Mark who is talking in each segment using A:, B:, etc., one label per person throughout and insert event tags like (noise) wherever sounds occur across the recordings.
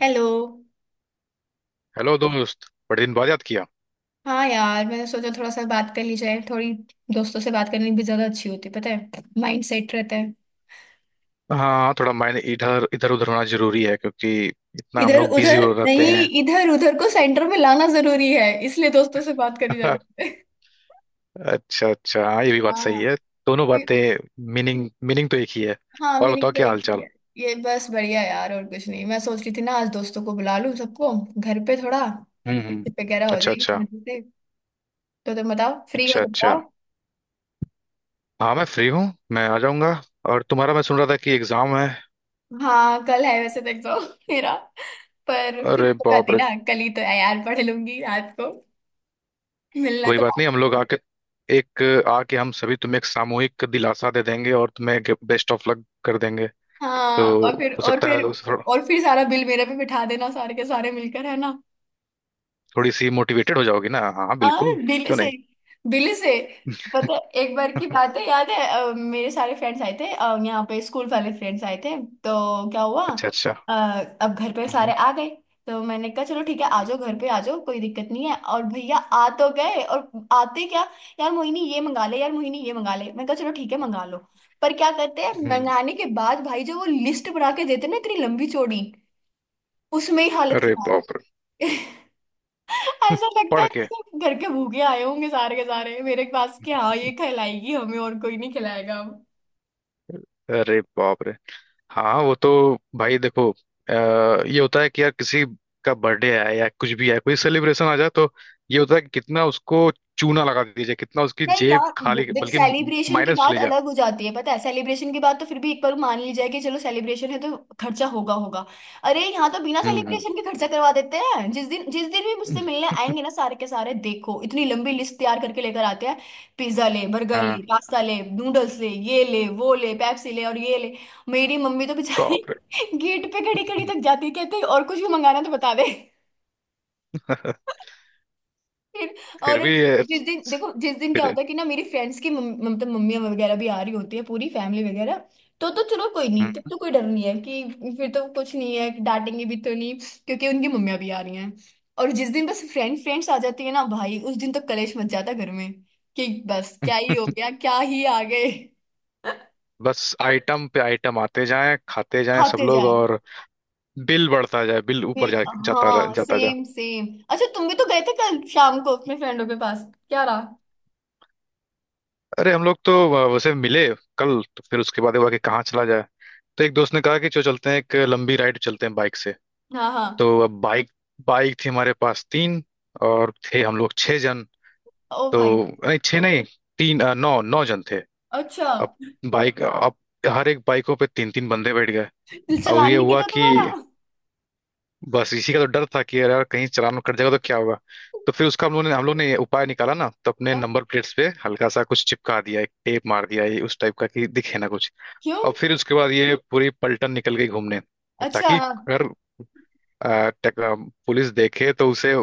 A: Hello.
B: Hello दोस्त। बड़े दिन बाद याद किया।
A: हाँ यार मैंने सोचा थोड़ा सा बात कर ली जाए। थोड़ी दोस्तों से बात करनी भी ज्यादा अच्छी होती है, पता है, माइंड सेट रहता है।
B: हाँ, थोड़ा मायने इधर इधर उधर होना जरूरी है क्योंकि इतना हम
A: इधर
B: लोग बिजी
A: उधर
B: हो रहते
A: नहीं,
B: हैं।
A: इधर उधर को सेंटर में लाना जरूरी है, इसलिए दोस्तों से बात करी
B: (laughs)
A: जाती है।
B: अच्छा अच्छा, हाँ ये भी बात
A: हाँ
B: सही है, दोनों
A: ये-
B: बातें। मीनिंग मीनिंग तो एक ही है।
A: हाँ
B: और
A: मैंने
B: बताओ
A: तो
B: क्या
A: एक
B: हाल चाल।
A: किया है। ये बस बढ़िया यार, और कुछ नहीं। मैं सोच रही थी ना, आज दोस्तों को बुला लूं सबको, घर पे थोड़ा
B: हम्म हम्म।
A: वगैरह हो
B: अच्छा
A: जाएगी
B: अच्छा।
A: मजे से। तो तुम बताओ, फ्री हो
B: अच्छा
A: तो
B: अच्छा,
A: बताओ।
B: हाँ मैं फ्री हूँ। मैं आ जाऊंगा। और तुम्हारा मैं सुन रहा था कि एग्जाम है।
A: हाँ कल है वैसे तक तो (laughs) मेरा। पर फिर
B: अरे
A: तो
B: बाप
A: कहती
B: रे।
A: ना, कल ही तो है यार, पढ़ लूंगी रात को, मिलना
B: कोई
A: तो।
B: बात नहीं, हम लोग आके एक आके हम सभी तुम्हें एक सामूहिक दिलासा दे देंगे और तुम्हें बेस्ट ऑफ लक कर देंगे। तो
A: हाँ और फिर
B: हो
A: और
B: सकता
A: फिर
B: है उस-
A: और फिर सारा बिल मेरे पे बिठा देना सारे के सारे मिलकर, है ना।
B: थोड़ी सी मोटिवेटेड हो जाओगी ना। हाँ
A: हाँ
B: बिल्कुल,
A: दिल्ली
B: क्यों
A: से,
B: नहीं।
A: दिल्ली से। पता है, एक बार की बात
B: (laughs)
A: है, याद है, मेरे सारे फ्रेंड्स आए थे, यहाँ पे स्कूल वाले फ्रेंड्स आए थे, तो क्या हुआ।
B: अच्छा अच्छा।
A: अ, अब घर पे सारे
B: हम्म,
A: आ गए, तो मैंने कहा चलो ठीक है, आ जाओ घर पे, आ जाओ कोई दिक्कत नहीं है। और भैया आ तो गए, और आते क्या, यार मोहिनी ये मंगा ले, यार मोहिनी ये मंगा ले। मैंने कहा चलो ठीक है, मंगा लो। पर क्या करते हैं,
B: हम्म,
A: मंगाने के बाद भाई जो वो लिस्ट बना के देते ना, इतनी लंबी चौड़ी, उसमें ही हालत
B: अरे
A: खराब।
B: बाप रे।
A: (laughs) ऐसा लगता
B: पढ़
A: है
B: के
A: जैसे घर के भूखे आए होंगे सारे के सारे मेरे पास कि हाँ ये खिलाएगी हमें, और कोई नहीं खिलाएगा अब।
B: अरे बाप रे। हाँ वो तो, भाई देखो, ये होता है कि यार किसी का बर्थडे आया या कुछ भी आया, कोई सेलिब्रेशन आ जाए तो ये होता है कि कितना उसको चूना लगा दिया जाए, कितना उसकी
A: नहीं
B: जेब
A: यार वो
B: खाली,
A: देख,
B: बल्कि
A: सेलिब्रेशन की
B: माइनस
A: बात
B: चले जाए।
A: अलग हो जाती है, पता है। सेलिब्रेशन की बात तो फिर भी एक बार मान ली जाए कि चलो सेलिब्रेशन है तो खर्चा होगा, होगा। अरे यहाँ तो बिना
B: हम्म हम्म।
A: सेलिब्रेशन के खर्चा करवा देते हैं। जिस दिन भी मुझसे मिलने आएंगे ना
B: (laughs)
A: सारे के सारे, देखो इतनी लंबी लिस्ट तैयार करके लेकर आते हैं। पिज्जा ले, बर्गर
B: हाँ,
A: ले, पास्ता ले, नूडल्स ले, ये ले, वो ले, पेप्सी ले, और ये ले। मेरी मम्मी तो बेचारी
B: बाप रे।
A: (laughs) गेट पे खड़ी खड़ी तक जाती है, कहती है, और कुछ भी मंगाना है तो बता दे।
B: (laughs)
A: फिर।
B: फिर
A: और
B: भी ये-
A: जिस दिन देखो, जिस दिन क्या
B: फिर
A: होता है कि ना, मेरी फ्रेंड्स की मतलब मम्मी वगैरह भी आ रही होती है, पूरी फैमिली वगैरह, तो चलो कोई नहीं, तब
B: हम्म,
A: तो कोई डर नहीं है कि फिर तो कुछ नहीं है कि डांटेंगे भी तो नहीं, क्योंकि उनकी मम्मियाँ भी आ रही हैं। और जिस दिन बस फ्रेंड्स आ जाती है ना भाई, उस दिन तो कलेश मच जाता घर में, कि बस क्या ही हो गया, क्या ही आ गए। (laughs)
B: बस आइटम पे आइटम आते जाएं, खाते जाएं सब
A: खाते
B: लोग,
A: जाए।
B: और बिल बढ़ता जाए, बिल ऊपर जा, जाता रह,
A: हाँ
B: जाता जा।
A: Same same. अच्छा तुम भी तो गए थे कल शाम को अपने फ्रेंडों के पास, क्या रहा।
B: अरे हम लोग तो उसे मिले। कल तो फिर उसके बाद हुआ कि कहाँ चला जाए। तो एक दोस्त ने कहा कि चलो चलते हैं, एक लंबी राइड चलते हैं बाइक से।
A: हाँ हाँ।
B: तो अब बाइक बाइक थी हमारे पास तीन, और थे हम लोग छह जन।
A: ओ
B: तो
A: भाई।
B: नहीं, छह नहीं, तीन नौ नौ जन थे।
A: अच्छा,
B: अब अब हर एक बाइकों पे तीन तीन बंदे बैठ गए।
A: दिल
B: अब
A: चलान
B: ये
A: नहीं
B: हुआ
A: कटा
B: कि
A: तुम्हारा?
B: बस इसी का तो डर था कि यार यार कहीं चालान कट जाएगा तो क्या होगा। तो फिर उसका हम लोगों ने हम लोग ने उपाय निकाला ना, तो अपने
A: क्या?
B: नंबर प्लेट्स पे हल्का सा कुछ चिपका दिया, एक टेप मार दिया ये उस टाइप का कि दिखे ना कुछ।
A: क्यों?
B: और फिर उसके बाद ये पूरी पलटन निकल गई घूमने।
A: अच्छा,
B: ताकि
A: हाँ।
B: अगर अ, टेक- अ, पुलिस देखे तो उसे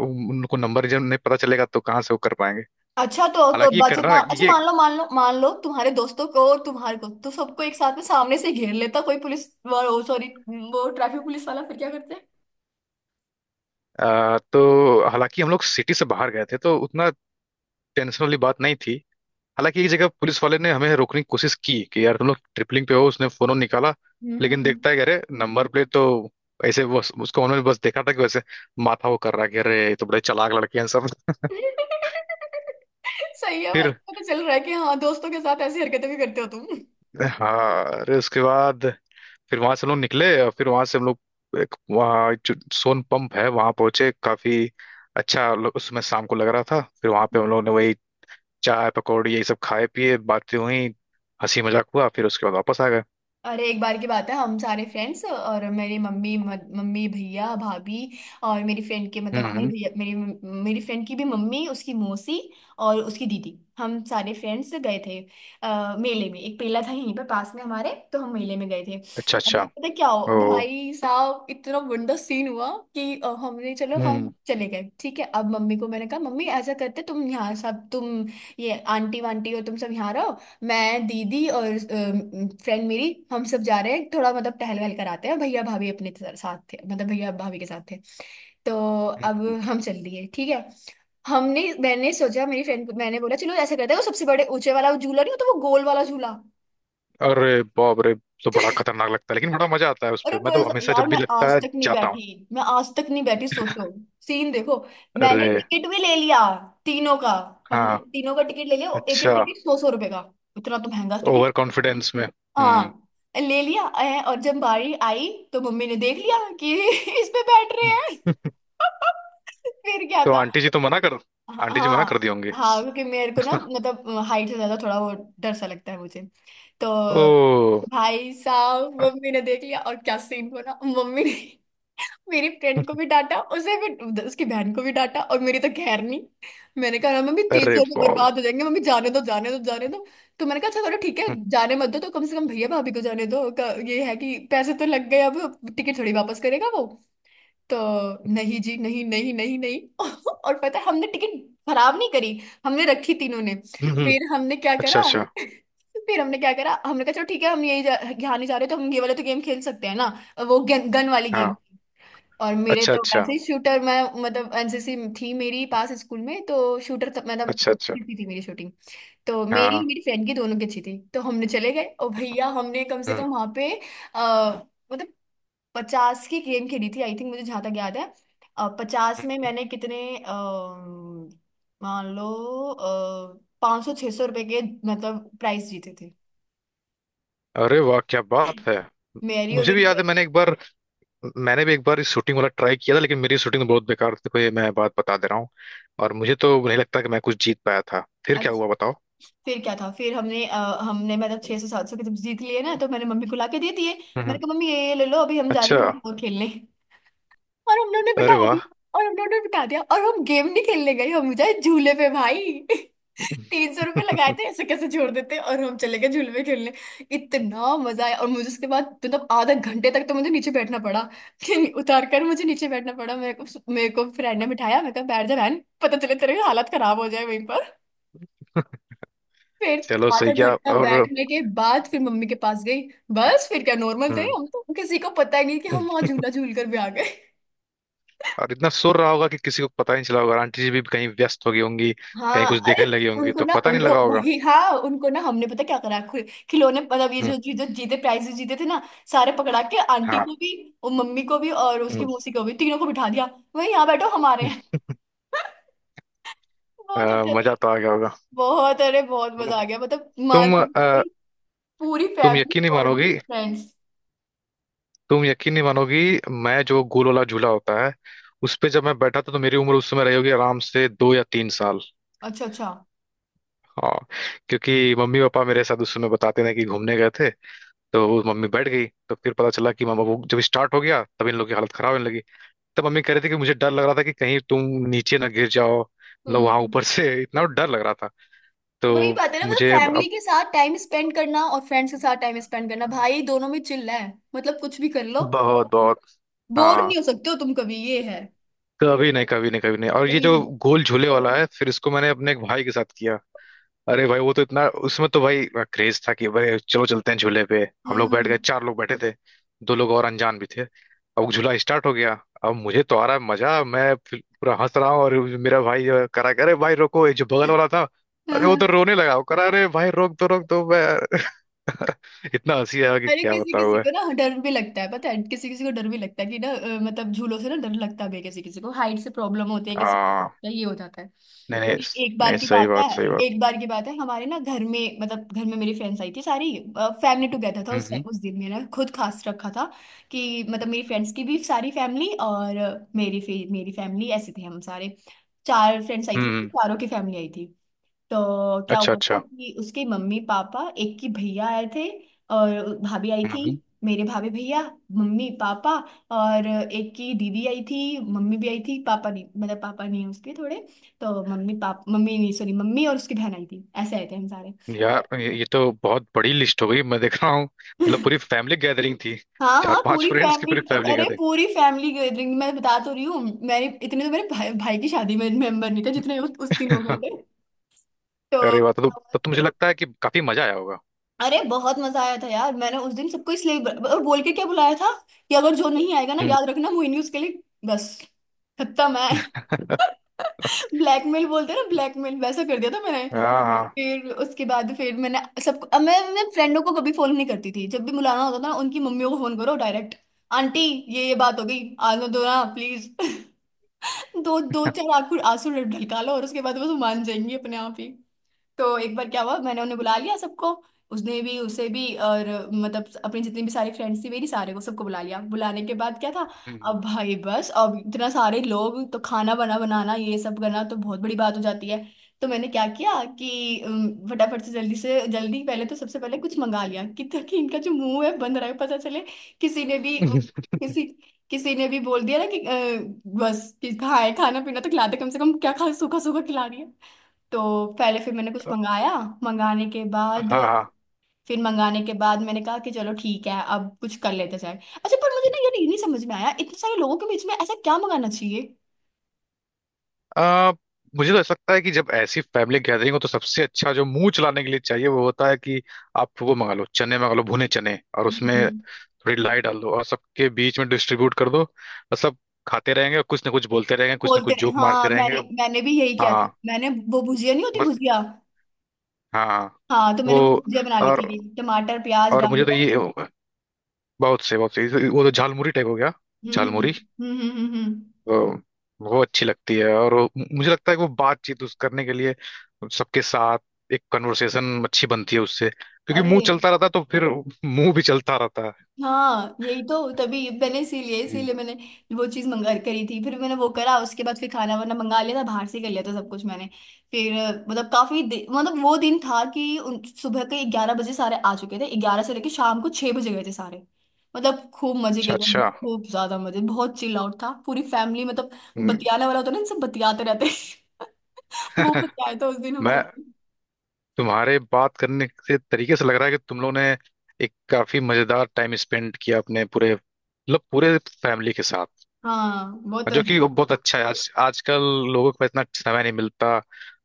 B: उनको नंबर जब नहीं पता चलेगा तो कहाँ से वो कर पाएंगे।
A: अच्छा तो
B: हालांकि ये करना
A: अच्छा,
B: ये
A: मान लो मान लो तुम्हारे दोस्तों को और तुम्हारे को तो सबको एक साथ में सामने से घेर लेता कोई पुलिस, वो सॉरी वो ट्रैफिक पुलिस वाला, फिर क्या करते।
B: अ, तो हालांकि हम लोग सिटी से बाहर गए थे तो उतना टेंशन वाली बात नहीं थी। हालांकि एक जगह पुलिस वाले ने हमें रोकने की कोशिश की कि यार तुम लोग ट्रिपलिंग पे हो। उसने फोन निकाला
A: हम्म हम्म,
B: लेकिन
A: हम्म।
B: देखता है कि अरे नंबर प्लेट तो ऐसे बस, उसको उन्होंने बस देखा था कि वैसे माथा वो कर रहा है कि अरे ये तो बड़े चालाक लड़के हैं सब।
A: (laughs) सही है, मतलब
B: फिर
A: पता चल रहा है कि हाँ दोस्तों के साथ ऐसी हरकतें भी करते हो तुम।
B: हाँ, अरे उसके बाद फिर वहां से हम लोग निकले, और फिर वहां से हम लोग एक वहाँ जो सोन पंप है वहां पहुंचे। काफी अच्छा उसमें शाम को लग रहा था। फिर वहां पे हम लोगों ने वही चाय पकौड़ी यही सब खाए पिए, बातें हुई, हंसी मजाक हुआ, फिर उसके बाद वापस आ गए।
A: अरे एक बार की बात है, हम सारे फ्रेंड्स और मेरी मम्मी, मम्मी भैया भाभी, और मेरी फ्रेंड के
B: हम्म
A: मतलब मेरी
B: हम्म।
A: भैया, मेरी मेरी फ्रेंड की भी मम्मी, उसकी मौसी, और उसकी दीदी, हम सारे फ्रेंड्स गए थे, मेले में। एक मेला था यहीं पर पास में हमारे, तो हम मेले में गए थे।
B: अच्छा
A: अब
B: अच्छा।
A: पता क्या हो
B: ओ।
A: भाई साहब, इतना गंदा सीन हुआ कि हमने चलो हम
B: हम्म
A: चले गए, ठीक है। अब मम्मी को मैंने कहा, मम्मी ऐसा करते तुम यहाँ, सब तुम ये आंटी वांटी हो, तुम सब यहाँ रहो। मैं, दीदी, और फ्रेंड मेरी, हम सब जा रहे हैं, थोड़ा मतलब टहल वहल कराते हैं। भैया भाभी अपने साथ थे, मतलब भैया भाभी के साथ थे। तो अब
B: हम्म।
A: हम चल दिए, ठीक है। हमने, मैंने सोचा, मेरी फ्रेंड को मैंने बोला, चलो ऐसा करते हैं, वो सबसे बड़े ऊंचे वाला, वो झूला नहीं होता, वो गोल वाला झूला।
B: अरे बाप रे, तो बड़ा खतरनाक लगता है लेकिन बड़ा मजा आता है उस
A: अरे
B: पे। मैं तो
A: बस
B: हमेशा,
A: यार,
B: जब भी
A: मैं
B: लगता
A: आज
B: है,
A: तक नहीं
B: जाता हूँ।
A: बैठी, मैं आज तक नहीं बैठी, सोचो। सीन देखो, मैंने
B: अरे,
A: टिकट भी ले लिया, तीनों का।
B: हाँ,
A: हमने तीनों का टिकट ले लिया, एक एक
B: अच्छा,
A: टिकट 100-100 रुपए का। इतना तो महंगा।
B: ओवर कॉन्फिडेंस में। हम्म।
A: हाँ, ले लिया, और जब बारी आई तो मम्मी ने देख लिया कि (laughs) इस पे बैठ रहे हैं। (laughs) फिर क्या
B: तो
A: था।
B: आंटी जी तो मना कर आंटी जी मना कर दी
A: हाँ
B: होंगी।
A: हाँ, क्योंकि मेरे को ना
B: (laughs)
A: मतलब हाइट से ज्यादा थोड़ा वो डर सा लगता है मुझे। तो
B: ओ,
A: भाई साहब मम्मी ने देख लिया, और क्या सीन बना मम्मी ने। मेरी फ्रेंड को भी डांटा, उसे भी, उसकी बहन को भी डांटा, और मेरी तो खैर नहीं। मैंने कहा ना मम्मी, तेज
B: अरे
A: जोर में
B: बाप।
A: बर्बाद हो जाएंगे मम्मी, जाने दो, जाने दो, जाने दो। तो मैंने कहा अच्छा चलो ठीक है,
B: हम्म,
A: जाने मत दो तो कम से कम भैया भाभी को जाने दो। ये है कि पैसे तो लग गए, अब टिकट थोड़ी वापस करेगा वो। तो नहीं जी, नहीं नहीं नहीं नहीं। (laughs) और पता है, हमने टिकट खराब नहीं करी, हमने रखी तीनों ने।
B: हम्म, हम्म।
A: फिर हमने क्या
B: अच्छा
A: करा,
B: अच्छा।
A: (laughs) फिर हमने क्या करा, हमने कहा चलो ठीक है, हम यहाँ नहीं जा रहे तो हम ये वाले तो गेम खेल सकते हैं ना, वो गन वाली
B: हाँ।
A: गेम। और मेरे
B: अच्छा
A: तो
B: अच्छा।
A: वैसे ही शूटर, मैं मतलब एनसीसी थी मेरी पास स्कूल में, तो शूटर तो, मतलब
B: अच्छा अच्छा।
A: अच्छी थी मेरी शूटिंग। तो
B: हाँ।
A: मेरी, फ्रेंड की, दोनों की अच्छी थी, तो हमने चले गए, और भैया हमने कम से
B: हम्म,
A: कम वहां पे आ, मतलब 50 की गेम खेली थी आई थिंक, मुझे जहां तक याद है। 50 में
B: हम्म।
A: मैंने कितने, मान लो 500 600 रुपए के मतलब प्राइस जीते थे।
B: अरे वाह, क्या बात
A: (laughs)
B: है।
A: मेरी और
B: मुझे भी
A: मेरी
B: याद है, मैंने भी एक बार इस शूटिंग वाला ट्राई किया था, लेकिन मेरी शूटिंग बहुत बेकार थी, कोई मैं बात बता दे रहा हूँ। और मुझे तो नहीं लगता कि मैं कुछ जीत पाया था। फिर क्या
A: फ्रेंड।
B: हुआ बताओ।
A: फिर क्या था, फिर हमने, हमने मतलब 600 700 के जब जीत लिए ना तो मैंने मम्मी को लाके दे दिए। मैंने
B: हम्म।
A: कहा मम्मी ये ले लो, अभी हम जा
B: अच्छा।
A: रहे हैं थोड़ा और खेलने। और हम लोगों ने बिठा
B: अरे
A: दिया,
B: वाह।
A: और हम लोगों ने बिठा दिया। और हम गेम नहीं खेलने गए, हम जाए झूले पे भाई। (laughs) 300 रुपये लगाए थे,
B: (laughs)
A: ऐसे कैसे छोड़ देते, और हम चले गए झूले पे खेलने। इतना मजा आया, और मुझे उसके बाद मतलब आधा घंटे तक तो मुझे नीचे बैठना पड़ा, (laughs) कि उतार कर मुझे नीचे बैठना पड़ा मेरे को। मेरे को फ्रेंड ने बिठाया, मैं कहा बैठ जा बहन, पता चले तेरे हालत खराब हो जाए वहीं। फिर
B: चलो
A: आधा
B: सही, क्या
A: घंटा
B: और।
A: बैठने के बाद फिर मम्मी के पास गई। बस फिर क्या, नॉर्मल थे
B: हम्म।
A: हम तो, किसी को पता ही नहीं कि हम वहां झूला झूल कर भी आ गए।
B: और इतना शोर रहा होगा कि किसी को पता ही नहीं चला होगा, और आंटी जी भी कहीं व्यस्त हो गई होंगी, कहीं
A: हाँ
B: कुछ
A: अरे,
B: देखने लगी होंगी
A: उनको
B: तो
A: ना,
B: पता नहीं
A: उनको
B: लगा होगा।
A: वही, हाँ उनको ना, हमने पता क्या करा, खिलौने मतलब ये
B: हम्म,
A: जो जो जो जीते, प्राइजेस जीते थे ना, सारे पकड़ा के आंटी
B: हाँ,
A: को भी, और मम्मी को भी, और उसकी
B: हम्म,
A: मौसी को भी, तीनों को बिठा दिया, वही यहाँ बैठो हमारे यहाँ। (laughs) बहुत अच्छा,
B: मजा तो आ गया होगा।
A: बहुत, अरे बहुत मजा आ गया मतलब मान,
B: तुम अ,
A: पूरी
B: तुम
A: फैमिली
B: यकीन नहीं
A: और
B: मानोगी
A: फ्रेंड्स।
B: तुम यकीन नहीं मानोगी। मैं जो गोल वाला झूला होता है उस पे जब मैं बैठा था, तो मेरी उम्र उस समय रही होगी आराम से 2 या 3 साल।
A: अच्छा अच्छा।
B: हाँ, क्योंकि मम्मी पापा मेरे साथ उस समय बताते थे कि घूमने गए थे। तो वो मम्मी बैठ गई, तो फिर पता चला कि मामा, वो जब स्टार्ट हो गया तब इन लोग की हालत खराब होने लगी। तब मम्मी कह रही थी कि मुझे डर लग रहा था कि कहीं तुम नीचे ना गिर जाओ, मतलब वहां
A: हम्म।
B: ऊपर से इतना डर लग रहा था।
A: वही
B: तो
A: बात है ना, मतलब
B: मुझे
A: फैमिली
B: अब
A: के साथ टाइम स्पेंड करना और फ्रेंड्स के साथ टाइम स्पेंड करना, भाई दोनों में चिल्ला है, मतलब कुछ भी कर लो,
B: बहुत बहुत।
A: बोर
B: हाँ,
A: नहीं हो सकते हो तुम कभी, ये है।
B: कभी नहीं, कभी नहीं, कभी नहीं। और ये
A: कभी
B: जो
A: नहीं।
B: गोल झूले वाला है, फिर इसको मैंने अपने एक भाई के साथ किया। अरे भाई, वो तो इतना, उसमें तो भाई क्रेज था कि भाई चलो चलते हैं झूले पे। हम
A: हम्म
B: लोग बैठ
A: हम्म,
B: गए, चार लोग बैठे थे, दो लोग और अनजान भी थे। अब झूला स्टार्ट हो गया, अब मुझे तो आ रहा है मजा, मैं फिर पूरा हंस रहा हूँ, और मेरा भाई जो है, करा कि, अरे भाई रोको। ये जो बगल वाला था, अरे वो
A: हम्म।
B: तो रोने लगा, वो करा अरे भाई रोक दो मैं। (laughs) इतना हंसी आया कि
A: अरे
B: क्या
A: किसी
B: बताऊँ
A: किसी
B: मैं।
A: को ना डर भी लगता है, पता है, किसी किसी को डर भी लगता है कि ना, मतलब झूलों से ना डर लगता भी है किसी किसी को, हाइट से प्रॉब्लम होती है किसी
B: हाँ,
A: को, ये हो जाता है।
B: नहीं नहीं
A: एक बार
B: नहीं,
A: की
B: सही
A: बात है,
B: बात, सही बात।
A: एक बार की बात है, हमारे ना घर में, मतलब घर में मेरी फ्रेंड्स आई थी सारी, फैमिली टुगेदर था
B: हम्म
A: उस,
B: हम्म
A: दिन मैंने खुद खास रखा था कि मतलब मेरी फ्रेंड्स की भी सारी फैमिली, और मेरी मेरी फैमिली, ऐसे थे हम सारे। चार फ्रेंड्स आई थी,
B: हम्म,
A: चारों की फैमिली आई थी। तो क्या
B: अच्छा
A: हुआ था
B: अच्छा।
A: कि उसके मम्मी पापा, एक की भैया आए थे और भाभी आई
B: हम्म,
A: थी,
B: हम्म।
A: मेरे भाभी भैया, मम्मी पापा, और एक की दीदी आई थी, मम्मी भी आई थी, पापा नहीं, मतलब पापा नहीं है उसके थोड़े। तो मम्मी नहीं सॉरी, मम्मी और उसकी बहन आई थी, ऐसे आए थे हम सारे।
B: यार ये तो बहुत बड़ी लिस्ट हो गई, मैं देख रहा हूँ, मतलब पूरी फैमिली गैदरिंग थी।
A: हाँ
B: चार
A: हाँ
B: पांच
A: पूरी
B: फ्रेंड्स की
A: फैमिली,
B: पूरी फैमिली
A: अरे पूरी फैमिली गैदरिंग, मैं बता तो रही हूँ। मेरे इतने तो मेरे भाई की शादी में मेंबर नहीं थे जितने उस, दिन हो गए
B: गैदरिंग।
A: थे। तो,
B: (laughs) अरे, बात तो तब तो मुझे लगता है कि काफी मजा आया होगा।
A: अरे बहुत मजा आया था यार। मैंने उस दिन सबको इसलिए और बोल के क्या बुलाया था, कि अगर जो नहीं आएगा ना
B: हम्म।
A: याद रखना मोहिनी, उसके लिए बस खत्म है।
B: (laughs)
A: (laughs) ब्लैकमेल बोलते हैं ना, ब्लैकमेल वैसा कर दिया था मैंने।
B: हाँ हाँ।
A: फिर उसके बाद फिर मैंने सबको, अब मैं फ्रेंडों को कभी फोन नहीं करती थी, जब भी बुलाना होता था ना उनकी मम्मियों को फोन करो डायरेक्ट। आंटी, ये बात हो गई, आने दो ना प्लीज। (laughs) दो दो चार आंखों आंसू ढलका लो, और उसके बाद बस वो मान जाएंगी अपने आप ही। तो एक बार क्या हुआ, मैंने उन्हें बुला लिया सबको, उसने भी, उसे भी, और मतलब अपनी जितनी भी सारी फ्रेंड्स थी मेरी सारे को, सबको बुला लिया। बुलाने के बाद क्या था,
B: हम्म।
A: अब भाई बस, अब इतना सारे लोग तो खाना बना बनाना ये सब करना तो बहुत बड़ी बात हो जाती है। तो मैंने क्या किया कि फटाफट से जल्दी पहले तो सबसे पहले कुछ मंगा लिया, कि ताकि इनका जो मुंह है बंद रहे, पता चले। किसी ने भी किसी किसी ने भी बोल दिया ना कि बस कि खाए, खाना पीना तो खिला दे कम से कम, क्या खा सूखा सूखा खिला रही है। तो पहले फिर मैंने कुछ मंगाया। मंगाने के
B: हाँ
A: बाद,
B: हाँ।
A: फिर मंगाने के बाद मैंने कहा कि चलो ठीक है, अब कुछ कर लेते जाए। अच्छा पर मुझे ना ये नहीं समझ में आया, इतने सारे लोगों के बीच में ऐसा क्या मंगाना चाहिए।
B: आ, मुझे तो ऐसा लगता है कि जब ऐसी फैमिली गैदरिंग हो तो सबसे अच्छा जो मुंह चलाने के लिए चाहिए वो होता है कि आप वो मंगा लो चने, मंगा लो भुने चने, और उसमें
A: हम्म।
B: थोड़ी लाई डाल दो और सबके बीच में डिस्ट्रीब्यूट कर दो, और सब खाते रहेंगे और कुछ ना कुछ बोलते रहेंगे, कुछ ना
A: बोलते
B: कुछ
A: नहीं,
B: जोक मारते
A: हाँ मैंने,
B: रहेंगे।
A: भी यही किया था,
B: हाँ,
A: मैंने वो भुजिया नहीं होती,
B: बस।
A: भुजिया,
B: हाँ।
A: हाँ। तो
B: वो।
A: मैंने वो भुजिया बना ली
B: और
A: थी, टमाटर प्याज
B: और मुझे तो
A: डालकर।
B: ये बहुत से वो तो झालमुरी टाइप हो गया।
A: हम्म हम्म
B: झालमुरी।
A: हम्म हम्म हम्म हम्म।
B: वो वो अच्छी लगती है, और वो, मुझे लगता है कि वो बातचीत उस करने के लिए सबके साथ एक कन्वर्सेशन अच्छी बनती है उससे, क्योंकि
A: अरे
B: मुंह चलता रहता है तो फिर मुंह भी चलता रहता है।
A: हाँ, यही तो तभी मैंने, इसीलिए
B: हम्म।
A: इसीलिए मैंने वो चीज़ मंगा करी थी, फिर मैंने वो करा। उसके बाद फिर खाना वाना मंगा लिया था बाहर से, कर लिया था सब कुछ मैंने। फिर मतलब काफी मतलब वो दिन था कि सुबह के 11 बजे सारे आ चुके थे, 11 से लेके शाम को 6 बजे गए थे सारे। मतलब खूब मजे
B: अच्छा
A: किए थे हमने,
B: अच्छा।
A: खूब ज्यादा मजे, बहुत चिल आउट था, पूरी फैमिली मतलब
B: हम्म।
A: बतियाने वाला होता है ना, सब बतियाते रहते हैं। (laughs) वो
B: (laughs)
A: बतियाया था उस दिन हम
B: मैं,
A: सब।
B: तुम्हारे बात करने से तरीके से लग रहा है कि तुम लोगों ने एक काफी मजेदार टाइम स्पेंड किया अपने पूरे, मतलब पूरे फैमिली के साथ।
A: हाँ वो तो
B: जो
A: है।
B: कि वो बहुत अच्छा है, आज आजकल लोगों को इतना समय नहीं मिलता।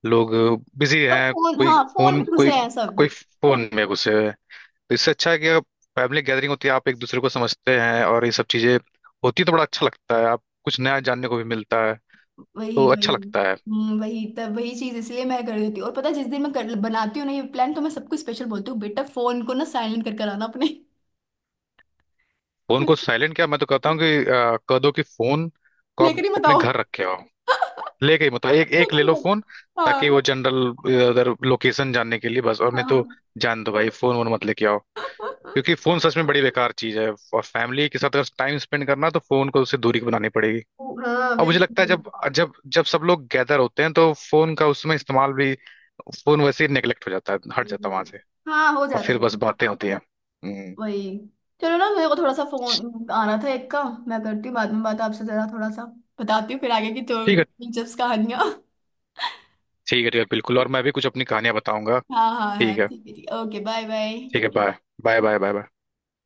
B: लोग बिजी
A: सब
B: हैं,
A: फोन,
B: कोई
A: हाँ फोन में
B: फोन, कोई,
A: घुसे हैं सब।
B: कोई फोन में घुसे हुए हैं। तो इससे अच्छा है कि आप, फैमिली गैदरिंग होती है, आप एक दूसरे को समझते हैं और ये सब चीजें होती है तो बड़ा अच्छा लगता है, आप कुछ नया जानने को भी मिलता है तो
A: वही वही।
B: अच्छा लगता है।
A: वही तब, वही चीज इसलिए मैं कर देती हूँ। और पता है जिस दिन मैं बनाती हूँ ना ये प्लान, तो मैं सबको स्पेशल बोलती हूँ, बेटा फोन को ना साइलेंट कर कर आना अपने।
B: फोन को
A: (laughs)
B: साइलेंट क्या, मैं तो कहता हूँ कि कह दो कि फोन को आप
A: लेकर ही
B: अपने
A: बताओ।
B: घर
A: (laughs)
B: रखे हो। लेके ही, मतलब एक एक
A: लेकर
B: ले
A: ही
B: लो
A: बताओ।
B: फोन, ताकि
A: हाँ
B: वो जनरल इधर लोकेशन जानने के लिए बस, और
A: हाँ
B: नहीं तो
A: हाँ।
B: जान दो भाई, फोन वोन मत लेके आओ। क्योंकि
A: (laughs)
B: फोन सच में बड़ी बेकार चीज है, और फैमिली के साथ अगर टाइम स्पेंड करना है तो फोन को उससे दूरी बनानी पड़ेगी।
A: ओ, हाँ,
B: और मुझे लगता है
A: बिल्कुल।
B: जब जब जब सब लोग गैदर होते हैं तो फोन का उसमें इस्तेमाल भी, फोन वैसे ही नेगलेक्ट हो जाता है, हट जाता है
A: हम्म,
B: वहां से,
A: हाँ हो
B: और
A: जाता
B: फिर बस
A: है।
B: बातें होती हैं। हम्म,
A: वही। चलो ना, मेरे को थोड़ा सा
B: ठीक
A: फोन आना था एक का, मैं करती हूँ बाद में बात आपसे जरा थोड़ा सा, बताती हूँ फिर आगे की तो
B: है।
A: दिलचस्प कहानियाँ। (laughs)
B: ठीक है ठीक है, बिल्कुल, और मैं भी कुछ अपनी कहानियां बताऊंगा।
A: हाँ हाँ हाँ,
B: ठीक है।
A: ठीक है ठीक है, ओके, बाय
B: ठीक
A: बाय।
B: है bye. Bye bye bye bye.